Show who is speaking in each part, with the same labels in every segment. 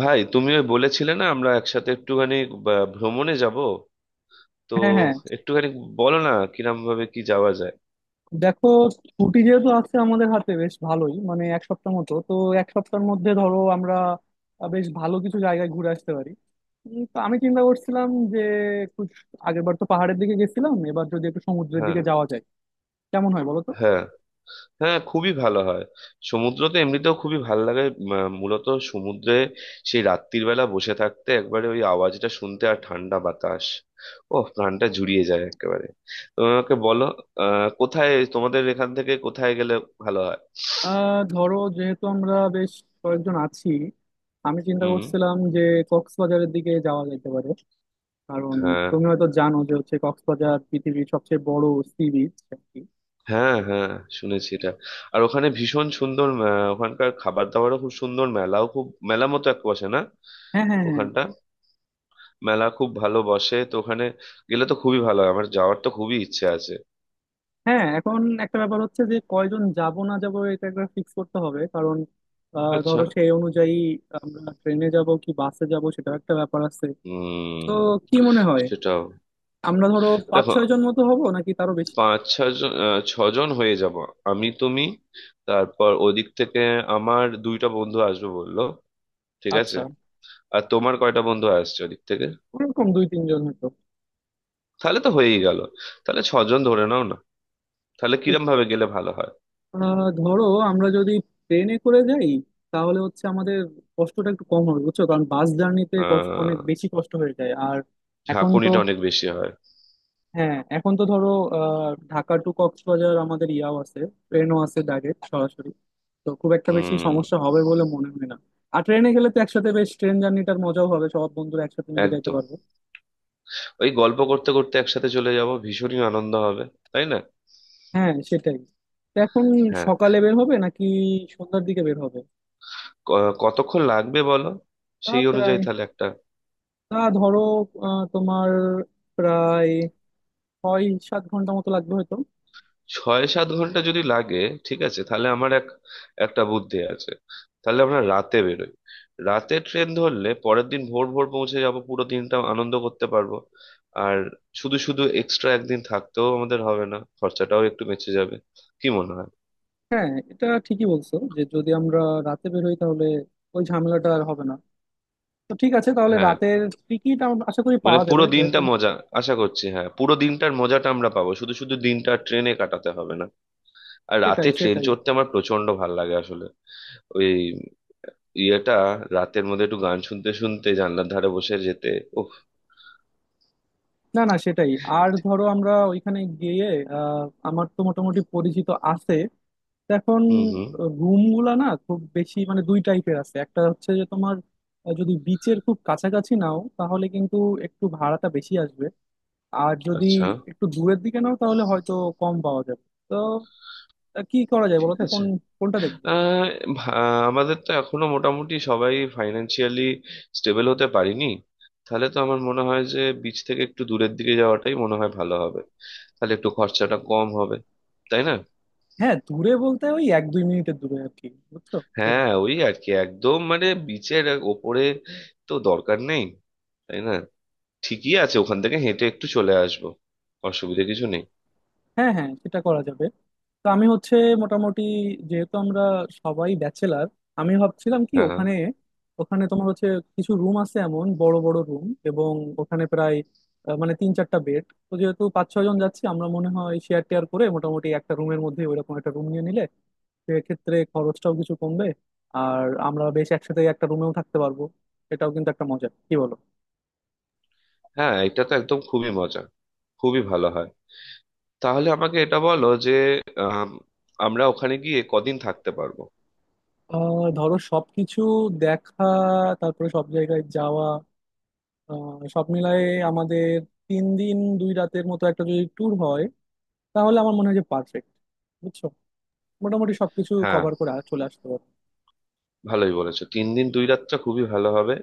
Speaker 1: ভাই, তুমি ওই বলেছিলে না আমরা একসাথে একটুখানি ভ্রমণে যাব? তো
Speaker 2: হ্যাঁ, হ্যাঁ,
Speaker 1: একটুখানি বলো না কিরম ভাবে কি যাওয়া যায়।
Speaker 2: দেখো, ছুটি যেহেতু আছে আমাদের হাতে বেশ ভালোই, মানে এক সপ্তাহ মতো তো। এক সপ্তাহের মধ্যে ধরো আমরা বেশ ভালো কিছু জায়গায় ঘুরে আসতে পারি। তো আমি চিন্তা করছিলাম যে একটু আগের বার তো পাহাড়ের দিকে গেছিলাম, এবার যদি একটু সমুদ্রের
Speaker 1: হ্যাঁ,
Speaker 2: দিকে যাওয়া যায় কেমন হয় বলো তো।
Speaker 1: হ্যাঁ, হ্যাঁ, খুবই ভালো হয়। সমুদ্র তো এমনিতেও খুবই ভালো লাগে। মূলত সমুদ্রে সেই রাত্রির বেলা বসে থাকতে, একবারে ওই আওয়াজটা শুনতে আর ঠান্ডা বাতাস, ও, প্রাণটা জুড়িয়ে যায় একেবারে। তো আমাকে বলো, কোথায় তোমাদের এখান থেকে কোথায় গেলে ভালো হয়।
Speaker 2: ধরো, যেহেতু আমরা বেশ কয়েকজন আছি, আমি চিন্তা
Speaker 1: হুম।
Speaker 2: করছিলাম যে কক্সবাজারের দিকে যাওয়া যেতে পারে, কারণ
Speaker 1: হ্যাঁ,
Speaker 2: তুমি হয়তো জানো যে হচ্ছে কক্সবাজার পৃথিবীর সবচেয়ে বড় সি বিচ।
Speaker 1: হ্যাঁ, হ্যাঁ, শুনেছি এটা। আর ওখানে ভীষণ সুন্দর। ওখানকার খাবার দাবারও খুব সুন্দর, মেলাও খুব, মেলা মতো এক বসে না
Speaker 2: হ্যাঁ, হ্যাঁ, হ্যাঁ,
Speaker 1: ওখানটা। মেলা খুব ভালো বসে তো ওখানে, গেলে তো খুবই ভালো হয়। আমার যাওয়ার তো খুবই ইচ্ছে আছে।
Speaker 2: হ্যাঁ, এখন একটা ব্যাপার হচ্ছে যে কয়জন যাব না যাব এটা একটা ফিক্স করতে হবে, কারণ
Speaker 1: আচ্ছা।
Speaker 2: ধরো সেই অনুযায়ী আমরা ট্রেনে যাব কি বাসে যাব সেটাও একটা ব্যাপার আছে। তো
Speaker 1: উম।
Speaker 2: কি মনে হয়,
Speaker 1: সেটাও।
Speaker 2: আমরা ধরো পাঁচ
Speaker 1: দেখো,
Speaker 2: ছয় জন মতো হব নাকি তারও বেশি?
Speaker 1: পাঁচ ছজন, ছজন হয়ে যাব। আমি, তুমি, তারপর ওদিক থেকে আমার দুইটা বন্ধু আসবে বললো। ঠিক আছে।
Speaker 2: আচ্ছা,
Speaker 1: আর তোমার কয়টা বন্ধু আসছে ওদিক থেকে?
Speaker 2: ওরকম দুই তিনজন হতো।
Speaker 1: তাহলে তো হয়েই গেল। তাহলে ছজন ধরে নাও না। তাহলে
Speaker 2: ঠিক।
Speaker 1: কিরম ভাবে গেলে ভালো হয়?
Speaker 2: ধরো আমরা যদি ট্রেনে করে যাই তাহলে হচ্ছে আমাদের কষ্টটা একটু কম হবে বুঝছো, কারণ বাস জার্নিতে অনেক
Speaker 1: আহ,
Speaker 2: বেশি কষ্ট হয়ে যায়। আর এখন তো,
Speaker 1: ঝাঁকুনিটা অনেক বেশি হয়।
Speaker 2: হ্যাঁ এখন তো ধরো ঢাকা টু কক্সবাজার আমাদের ইয়াও আছে, ট্রেনও আছে ডাইরেক্ট সরাসরি। তো খুব একটা বেশি
Speaker 1: হুম।
Speaker 2: সমস্যা হবে বলে মনে হয় না। আর ট্রেনে গেলে তো একসাথে বেশ ট্রেন জার্নিটার মজাও হবে, সব বন্ধুরা একসাথে মিলে যাইতে
Speaker 1: একদম,
Speaker 2: পারবো।
Speaker 1: ওই গল্প করতে করতে একসাথে চলে যাব, ভীষণই আনন্দ হবে, তাই না?
Speaker 2: হ্যাঁ, সেটাই। তো এখন
Speaker 1: হ্যাঁ।
Speaker 2: সকালে বের হবে নাকি সন্ধ্যার দিকে বের হবে?
Speaker 1: কতক্ষণ লাগবে বলো?
Speaker 2: তা
Speaker 1: সেই অনুযায়ী
Speaker 2: প্রায়,
Speaker 1: তাহলে একটা।
Speaker 2: তা ধরো তোমার প্রায় 6-7 ঘন্টা মতো লাগবে হয়তো।
Speaker 1: ছয় সাত ঘন্টা যদি লাগে, ঠিক আছে, তাহলে আমার একটা বুদ্ধি আছে। তাহলে আমরা রাতে বেরোই। রাতে ট্রেন ধরলে পরের দিন ভোর ভোর পৌঁছে যাব, পুরো দিনটা আনন্দ করতে পারবো। আর শুধু শুধু এক্সট্রা একদিন থাকতেও আমাদের হবে না, খরচাটাও একটু বেঁচে যাবে। কি মনে হয়?
Speaker 2: হ্যাঁ, এটা ঠিকই বলছো যে যদি আমরা রাতে বের হই তাহলে ওই ঝামেলাটা আর হবে না। তো ঠিক আছে, তাহলে
Speaker 1: হ্যাঁ,
Speaker 2: রাতের টিকিট আশা করি
Speaker 1: মানে
Speaker 2: পাওয়া যাবে
Speaker 1: পুরো দিনটা
Speaker 2: যেহেতু।
Speaker 1: মজা। আশা করছি, হ্যাঁ, পুরো দিনটার মজাটা আমরা পাবো, শুধু শুধু দিনটা ট্রেনে কাটাতে হবে না। আর
Speaker 2: সেটাই,
Speaker 1: রাতে ট্রেন
Speaker 2: সেটাই।
Speaker 1: চড়তে আমার প্রচন্ড ভাল লাগে আসলে। ওই ইয়েটা, রাতের মধ্যে একটু গান শুনতে শুনতে জানলার ধারে বসে যেতে, ও।
Speaker 2: না, না, সেটাই। আর ধরো আমরা ওইখানে গিয়ে আহ, আমার তো মোটামুটি পরিচিত আছে। তো এখন
Speaker 1: হুম, হুম।
Speaker 2: রুম গুলা না খুব বেশি মানে দুই টাইপের আছে, একটা হচ্ছে যে তোমার যদি বিচের খুব কাছাকাছি নাও তাহলে কিন্তু একটু ভাড়াটা বেশি আসবে। আর যদি
Speaker 1: আচ্ছা।
Speaker 2: একটু দূরের দিকে নাও তাহলে হয়তো কম পাওয়া যাবে তো। কি করা যায় বলো
Speaker 1: ঠিক
Speaker 2: তো,
Speaker 1: আছে।
Speaker 2: কোনটা দেখবো?
Speaker 1: আহ, ভা- আমাদের তো এখনো মোটামুটি সবাই ফাইনান্সিয়ালি স্টেবল হতে পারিনি। তাহলে তো আমার মনে হয় যে বিচ থেকে একটু দূরের দিকে যাওয়াটাই মনে হয় ভালো হবে। তাহলে একটু খরচাটা কম হবে, তাই না?
Speaker 2: হ্যাঁ, দূরে বলতে ওই এক দুই মিনিটের দূরে আর কি, বুঝছো,
Speaker 1: হ্যাঁ,
Speaker 2: এরকম।
Speaker 1: ওই আর কি, একদম মানে বিচের ওপরে তো দরকার নেই, তাই না? ঠিকই আছে, ওখান থেকে হেঁটে একটু চলে আসবো, অসুবিধা কিছু নেই।
Speaker 2: হ্যাঁ, হ্যাঁ, সেটা করা যাবে। তো আমি হচ্ছে মোটামুটি, যেহেতু আমরা সবাই ব্যাচেলার, আমি ভাবছিলাম কি
Speaker 1: হ্যাঁ,
Speaker 2: ওখানে, ওখানে তোমার হচ্ছে কিছু রুম আছে এমন, বড় বড় রুম, এবং ওখানে প্রায় মানে তিন চারটা বেড। তো যেহেতু পাঁচ ছয় জন যাচ্ছি আমরা, মনে হয় শেয়ার টেয়ার করে মোটামুটি একটা রুমের মধ্যে ওইরকম একটা রুম নিয়ে নিলে সেক্ষেত্রে খরচটাও কিছু কমবে। আর আমরা বেশ একসাথে একটা রুমেও থাকতে পারবো। এটাও কিন্তু একটা মজা, কি বলো।
Speaker 1: হ্যাঁ, এটা তো একদম খুবই মজা, খুবই ভালো হয়। তাহলে আমাকে এটা বলো যে আম, আমরা ওখানে গিয়ে কদিন থাকতে পারবো?
Speaker 2: ধরো সবকিছু দেখা, তারপরে সব জায়গায় যাওয়া, সব মিলায়ে আমাদের তিন দিন দুই রাতের মতো একটা যদি ট্যুর হয় তাহলে আমার মনে হয় যে পারফেক্ট। বুঝছো, মোটামুটি সবকিছু
Speaker 1: হ্যাঁ,
Speaker 2: কভার করে চলে আসতে পারবো।
Speaker 1: ভালোই বলেছো, তিন দিন দুই রাতটা খুবই ভালো হবে।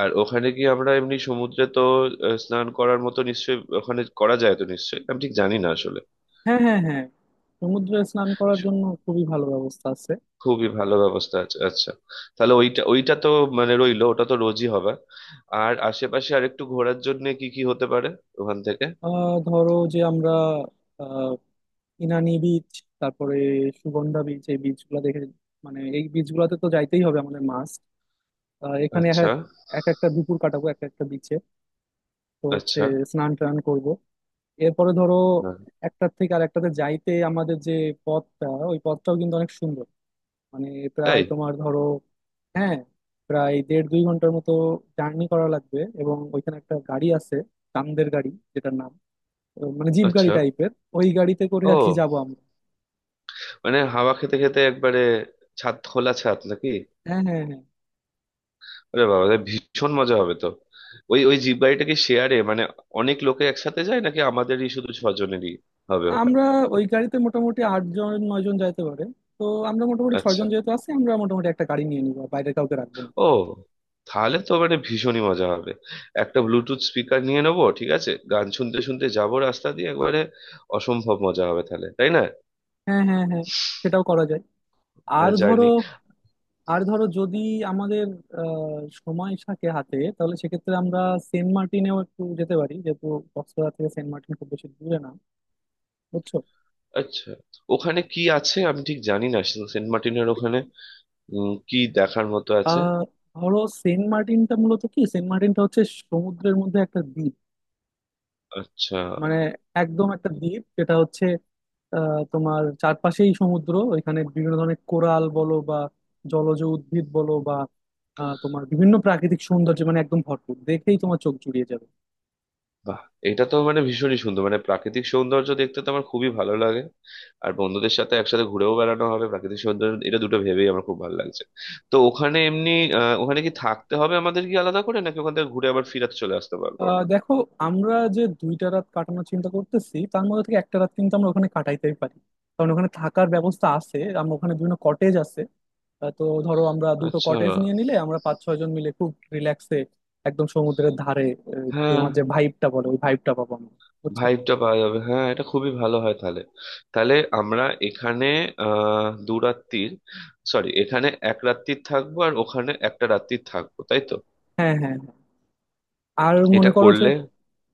Speaker 1: আর ওখানে গিয়ে আমরা এমনি সমুদ্রে তো, স্নান করার মতো নিশ্চয়ই ওখানে করা যায় তো? নিশ্চয়ই, আমি ঠিক জানি না আসলে।
Speaker 2: হ্যাঁ, হ্যাঁ, হ্যাঁ, সমুদ্রে স্নান করার জন্য খুবই ভালো ব্যবস্থা আছে।
Speaker 1: খুবই ভালো ব্যবস্থা আছে, আচ্ছা। তাহলে ওইটা ওইটা তো, মানে রইলো, ওটা তো রোজই হবে। আর আশেপাশে আর একটু ঘোরার জন্য কি কি হতে পারে ওখান থেকে?
Speaker 2: ধরো যে আমরা আহ, ইনানি বিচ, তারপরে সুগন্ধা বিচ, এই বিচগুলো দেখে মানে এই বিচগুলোতে তো যাইতেই হবে আমাদের মাস্ট। এখানে এক
Speaker 1: আচ্ছা।
Speaker 2: এক এক একটা দুপুর কাটাবো এক একটা বিচে। তো হচ্ছে
Speaker 1: আচ্ছা।
Speaker 2: স্নান টান করবো। এরপরে ধরো
Speaker 1: হ্যাঁ।
Speaker 2: একটার থেকে আর একটাতে যাইতে আমাদের যে পথটা, ওই পথটাও কিন্তু অনেক সুন্দর, মানে প্রায়
Speaker 1: তাই?
Speaker 2: তোমার ধরো, হ্যাঁ, প্রায় 1.5-2 ঘন্টার মতো জার্নি করা লাগবে। এবং ওইখানে একটা গাড়ি আছে, কান্দের গাড়ি যেটার নাম, ও মানে জিপ গাড়ি
Speaker 1: আচ্ছা।
Speaker 2: টাইপের, ওই গাড়িতে করে আর কি
Speaker 1: ও,
Speaker 2: যাবো আমরা।
Speaker 1: মানে হাওয়া খেতে খেতে একবারে, ছাদ খোলা ছাদ নাকি?
Speaker 2: হ্যাঁ, হ্যাঁ, হ্যাঁ,
Speaker 1: আরে বাবা, তাহলে ভীষণ মজা হবে তো। ওই, ওই জিপ গাড়িটা কি শেয়ারে, মানে অনেক লোকে একসাথে যায় নাকি আমাদেরই শুধু ছজনেরই হবে ওটা?
Speaker 2: আমরা ওই গাড়িতে মোটামুটি আটজন নয়জন যাইতে পারে। তো আমরা মোটামুটি
Speaker 1: আচ্ছা।
Speaker 2: ছয়জন যেহেতু আছি, আমরা মোটামুটি একটা গাড়ি নিয়ে নিবো আর বাইরে কাউকে রাখবো না।
Speaker 1: ও, তাহলে তো মানে ভীষণই মজা হবে। একটা ব্লুটুথ স্পিকার নিয়ে নেবো, ঠিক আছে, গান শুনতে শুনতে যাবো রাস্তা দিয়ে একবারে, অসম্ভব মজা হবে তাহলে, তাই না?
Speaker 2: হ্যাঁ, হ্যাঁ, হ্যাঁ, সেটাও করা যায়। আর
Speaker 1: হ্যাঁ,
Speaker 2: ধরো
Speaker 1: জার্নি।
Speaker 2: আর ধরো যদি আমাদের আহ, সময় থাকে হাতে তাহলে সেক্ষেত্রে আমরা সেন্ট মার্টিনেও একটু যেতে পারি, যেহেতু কক্সবাজার থেকে সেন্ট মার্টিন খুব বেশি দূরে না, বুঝছো।
Speaker 1: আচ্ছা, ওখানে কি আছে আমি ঠিক জানি না, সেন্ট মার্টিনের ওখানে? কি দেখার মতো আছে?
Speaker 2: আহ ধরো, সেন্ট মার্টিনটা মূলত কি, সেন্ট মার্টিনটা হচ্ছে সমুদ্রের মধ্যে একটা দ্বীপ,
Speaker 1: আচ্ছা।
Speaker 2: মানে একদম একটা দ্বীপ যেটা হচ্ছে তোমার চারপাশেই সমুদ্র। ওইখানে বিভিন্ন ধরনের কোরাল বলো বা জলজ উদ্ভিদ বলো বা তোমার বিভিন্ন প্রাকৃতিক সৌন্দর্য, মানে একদম ভরপুর, দেখেই তোমার চোখ জুড়িয়ে যাবে।
Speaker 1: বাহ, এটা তো মানে ভীষণই সুন্দর, মানে প্রাকৃতিক সৌন্দর্য দেখতে তো আমার খুবই ভালো লাগে। আর বন্ধুদের সাথে একসাথে ঘুরেও বেড়ানো হবে, প্রাকৃতিক সৌন্দর্য, এটা দুটো ভেবেই আমার খুব ভালো লাগছে। তো ওখানে এমনি, আহ, ওখানে কি থাকতে হবে আমাদের, কি আলাদা করে নাকি ওখান থেকে ঘুরে আবার ফিরাতে চলে আসতে পারবো আমরা?
Speaker 2: দেখো, আমরা যে দুইটা রাত কাটানোর চিন্তা করতেছি তার মধ্যে থেকে একটা রাত কিন্তু আমরা ওখানে কাটাইতেই পারি, কারণ ওখানে থাকার ব্যবস্থা আছে, আমরা ওখানে বিভিন্ন কটেজ আছে। তো ধরো আমরা দুটো
Speaker 1: আচ্ছা।
Speaker 2: কটেজ নিয়ে নিলে আমরা পাঁচ ছয় জন মিলে খুব রিল্যাক্সে একদম সমুদ্রের ধারে
Speaker 1: হ্যাঁ,
Speaker 2: তোমার যে ভাইবটা বলে ওই ভাইবটা পাবো আমরা, বুঝছো।
Speaker 1: ভাইবটা পাওয়া যাবে, হ্যাঁ, এটা খুবই ভালো হয় তাহলে। তাহলে আমরা এখানে, আহ, দু রাত্রির, সরি, এখানে এক রাত্রির থাকবো আর ওখানে একটা রাত্রির থাকবো, তাই তো?
Speaker 2: হ্যাঁ, হ্যাঁ, হ্যাঁ। আর মনে
Speaker 1: এটা
Speaker 2: করো যে,
Speaker 1: করলে।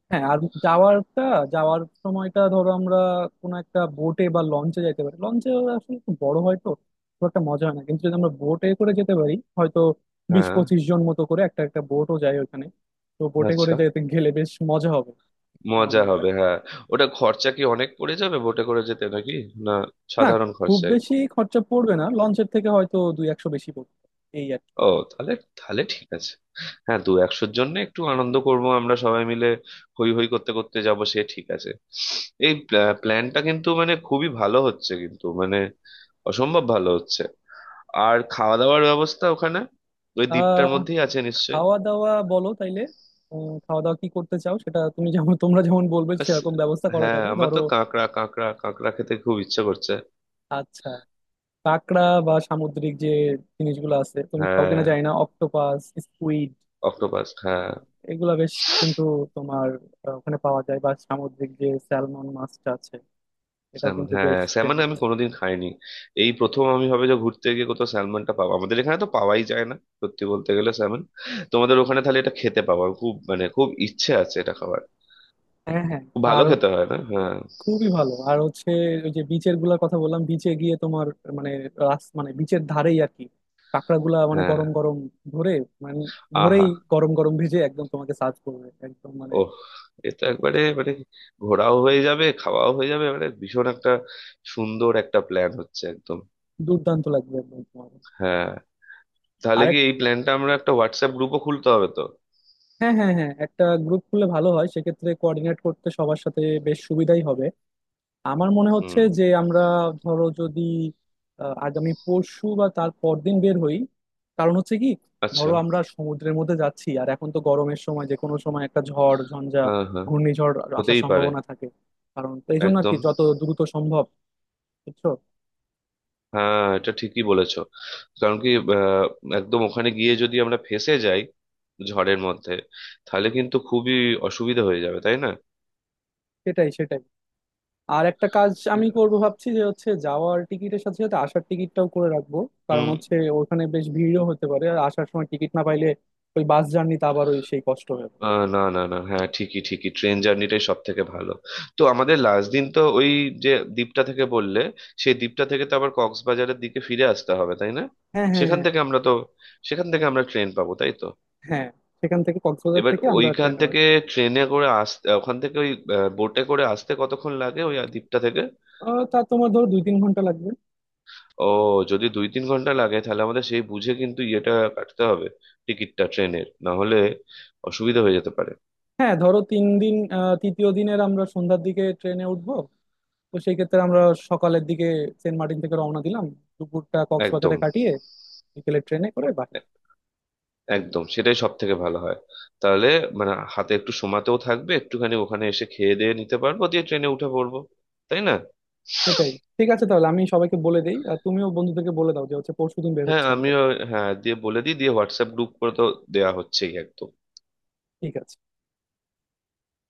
Speaker 2: হ্যাঁ, আর যাওয়ারটা যাওয়ার সময়টা ধরো আমরা কোনো একটা বোটে বা লঞ্চে যেতে পারি। লঞ্চে আসলে একটু বড় হয় তো, খুব একটা মজা হয় না, কিন্তু যদি আমরা বোটে করে যেতে পারি হয়তো, বিশ
Speaker 1: হ্যাঁ।
Speaker 2: পঁচিশ জন মতো করে একটা একটা বোটও যায় ওখানে। তো বোটে করে
Speaker 1: আচ্ছা,
Speaker 2: যেতে গেলে বেশ মজা হবে আমার
Speaker 1: মজা
Speaker 2: মনে হয়।
Speaker 1: হবে, হ্যাঁ। ওটা খরচা কি অনেক পড়ে যাবে বোটে করে যেতে নাকি? না,
Speaker 2: না,
Speaker 1: সাধারণ
Speaker 2: খুব
Speaker 1: খরচায়?
Speaker 2: বেশি খরচা পড়বে না, লঞ্চের থেকে হয়তো দুই একশো বেশি পড়বে এই আর কি।
Speaker 1: ও, তাহলে, তাহলে ঠিক আছে। হ্যাঁ, দু একশোর জন্য একটু আনন্দ করব আমরা সবাই মিলে, হই হই করতে করতে যাব, সে ঠিক আছে। এই প্ল্যানটা কিন্তু মানে খুবই ভালো হচ্ছে, কিন্তু মানে অসম্ভব ভালো হচ্ছে। আর খাওয়া দাওয়ার ব্যবস্থা ওখানে, ওই দ্বীপটার
Speaker 2: আহ
Speaker 1: মধ্যেই আছে নিশ্চয়ই?
Speaker 2: খাওয়া দাওয়া বলো তাইলে, খাওয়া দাওয়া কি করতে চাও সেটা তুমি যেমন, তোমরা যেমন বলবে
Speaker 1: আস,
Speaker 2: সেরকম ব্যবস্থা করা
Speaker 1: হ্যাঁ,
Speaker 2: যাবে
Speaker 1: আমার
Speaker 2: ধরো।
Speaker 1: তো কাঁকড়া, কাঁকড়া, কাঁকড়া খেতে খুব ইচ্ছে করছে।
Speaker 2: আচ্ছা, কাঁকড়া বা সামুদ্রিক যে জিনিসগুলো আছে তুমি খাও কিনা
Speaker 1: হ্যাঁ,
Speaker 2: জানি না, অক্টোপাস, স্কুইড,
Speaker 1: অক্টোপাস, হ্যাঁ।
Speaker 2: এগুলা বেশ কিন্তু তোমার ওখানে পাওয়া যায়। বা সামুদ্রিক যে স্যালমন মাছটা আছে এটাও
Speaker 1: স্যালমন,
Speaker 2: কিন্তু বেশ
Speaker 1: হ্যাঁ, স্যালমন আমি
Speaker 2: ফেমাস।
Speaker 1: কোনোদিন খাইনি। এই প্রথম আমি ভাবে যে ঘুরতে গিয়ে কোথাও স্যালমনটা পাবো, আমাদের এখানে তো পাওয়াই যায় না সত্যি বলতে গেলে, স্যালমন। তোমাদের ওখানে তাহলে এটা খেতে পাবো, আমি খুব মানে খুব ইচ্ছে আছে এটা খাবার।
Speaker 2: হ্যাঁ, হ্যাঁ,
Speaker 1: খুব ভালো
Speaker 2: আর
Speaker 1: খেতে, হয় না? হ্যাঁ,
Speaker 2: খুবই ভালো। আর হচ্ছে ওই যে বিচের গুলার কথা বললাম, বিচে গিয়ে তোমার, মানে রাস মানে বিচের ধারেই আর কি, কাঁকড়া গুলা মানে
Speaker 1: হ্যাঁ।
Speaker 2: গরম গরম ধরে, মানে ধরেই
Speaker 1: আহা।
Speaker 2: গরম গরম ভেজে একদম তোমাকে সার্ভ করবে একদম, মানে
Speaker 1: ওহ, এ তো একবারে মানে ঘোরাও হয়ে যাবে, খাওয়াও হয়ে যাবে, মানে ভীষণ একটা সুন্দর একটা প্ল্যান হচ্ছে একদম।
Speaker 2: দুর্দান্ত লাগবে একদম তোমার।
Speaker 1: হ্যাঁ। তাহলে কি এই প্ল্যানটা আমরা একটা হোয়াটসঅ্যাপ গ্রুপও খুলতে হবে তো?
Speaker 2: হ্যাঁ, হ্যাঁ, হ্যাঁ, একটা গ্রুপ খুললে ভালো হয়, সেক্ষেত্রে কোঅর্ডিনেট করতে সবার সাথে বেশ সুবিধাই হবে। আমার মনে হচ্ছে
Speaker 1: হুম।
Speaker 2: যে আমরা ধরো যদি আগামী পরশু বা তার পরদিন বের হই, কারণ হচ্ছে কি,
Speaker 1: আচ্ছা।
Speaker 2: ধরো আমরা সমুদ্রের মধ্যে যাচ্ছি আর এখন তো গরমের সময়, যে কোনো সময় একটা ঝড় ঝঞ্ঝা,
Speaker 1: হ্যাঁ, হ্যাঁ,
Speaker 2: ঘূর্ণিঝড় আসার
Speaker 1: হতেই পারে।
Speaker 2: সম্ভাবনা থাকে। কারণ তো এই জন্য আর কি,
Speaker 1: একদম।
Speaker 2: যত দ্রুত সম্ভব, বুঝছো।
Speaker 1: হ্যাঁ, এটা ঠিকই বলেছো। কারণ কি, আহ, একদম ওখানে গিয়ে যদি আমরা ফেঁসে যাই ঝড়ের মধ্যে, তাহলে কিন্তু খুবই অসুবিধা হয়ে যাবে, তাই না?
Speaker 2: সেটাই, সেটাই। আর একটা কাজ আমি করব ভাবছি যে হচ্ছে যাওয়ার টিকিটের সাথে সাথে আসার টিকিটটাও করে রাখবো, কারণ
Speaker 1: হুম।
Speaker 2: হচ্ছে ওখানে বেশ ভিড়ও হতে পারে, আর আসার সময় টিকিট না পাইলে ওই বাস জার্নিতে আবার ওই সেই কষ্ট হয়ে যাবে।
Speaker 1: আহ, না, না, না, হ্যাঁ, ঠিকই, ঠিকই, ট্রেন জার্নিটাই সব থেকে ভালো। তো আমাদের লাস্ট দিন তো ওই যে দ্বীপটা থেকে বললে, সেই দ্বীপটা থেকে তো আবার কক্সবাজারের দিকে ফিরে আসতে হবে, তাই না?
Speaker 2: হ্যাঁ, হ্যাঁ,
Speaker 1: সেখান
Speaker 2: হ্যাঁ,
Speaker 1: থেকে আমরা তো, সেখান থেকে আমরা ট্রেন পাবো, তাই তো?
Speaker 2: হ্যাঁ, সেখান থেকে কক্সবাজার
Speaker 1: এবার
Speaker 2: থেকে আমরা
Speaker 1: ওইখান
Speaker 2: ট্রেনে
Speaker 1: থেকে
Speaker 2: উঠবো।
Speaker 1: ট্রেনে করে আসতে, ওখান থেকে ওই বোটে করে আসতে কতক্ষণ লাগে ওই দ্বীপটা থেকে?
Speaker 2: তা তোমার ধরো 2-3 ঘন্টা লাগবে।
Speaker 1: ও, যদি দুই তিন ঘন্টা লাগে, তাহলে আমাদের সেই বুঝে কিন্তু ইয়েটা কাটতে হবে, টিকিটটা, ট্রেনের। না হলে অসুবিধা হয়ে যেতে পারে।
Speaker 2: হ্যাঁ ধরো তিন দিন, তৃতীয় দিনের আমরা সন্ধ্যার দিকে ট্রেনে উঠবো। তো সেই ক্ষেত্রে আমরা সকালের দিকে সেন্ট মার্টিন থেকে রওনা দিলাম, দুপুরটা কক্সবাজারে
Speaker 1: একদম।
Speaker 2: কাটিয়ে বিকেলে ট্রেনে করে বাড়ি।
Speaker 1: এ- একদম সেটাই সব থেকে ভালো হয় তাহলে, মানে হাতে একটু সময়তেও থাকবে, একটুখানি ওখানে এসে খেয়ে দিয়ে নিতে পারবো দিয়ে ট্রেনে উঠে পড়বো, তাই না?
Speaker 2: সেটাই। ঠিক আছে তাহলে আমি সবাইকে বলে দিই আর তুমিও বন্ধুদেরকে বলে দাও যে হচ্ছে পরশুদিন বের
Speaker 1: হ্যাঁ,
Speaker 2: হচ্ছে আমরা।
Speaker 1: আমিও, হ্যাঁ, দিয়ে বলে দিই দিয়ে হোয়াটসঅ্যাপ গ্রুপ করে তো দেওয়া হচ্ছেই একদম।
Speaker 2: ঠিক আছে।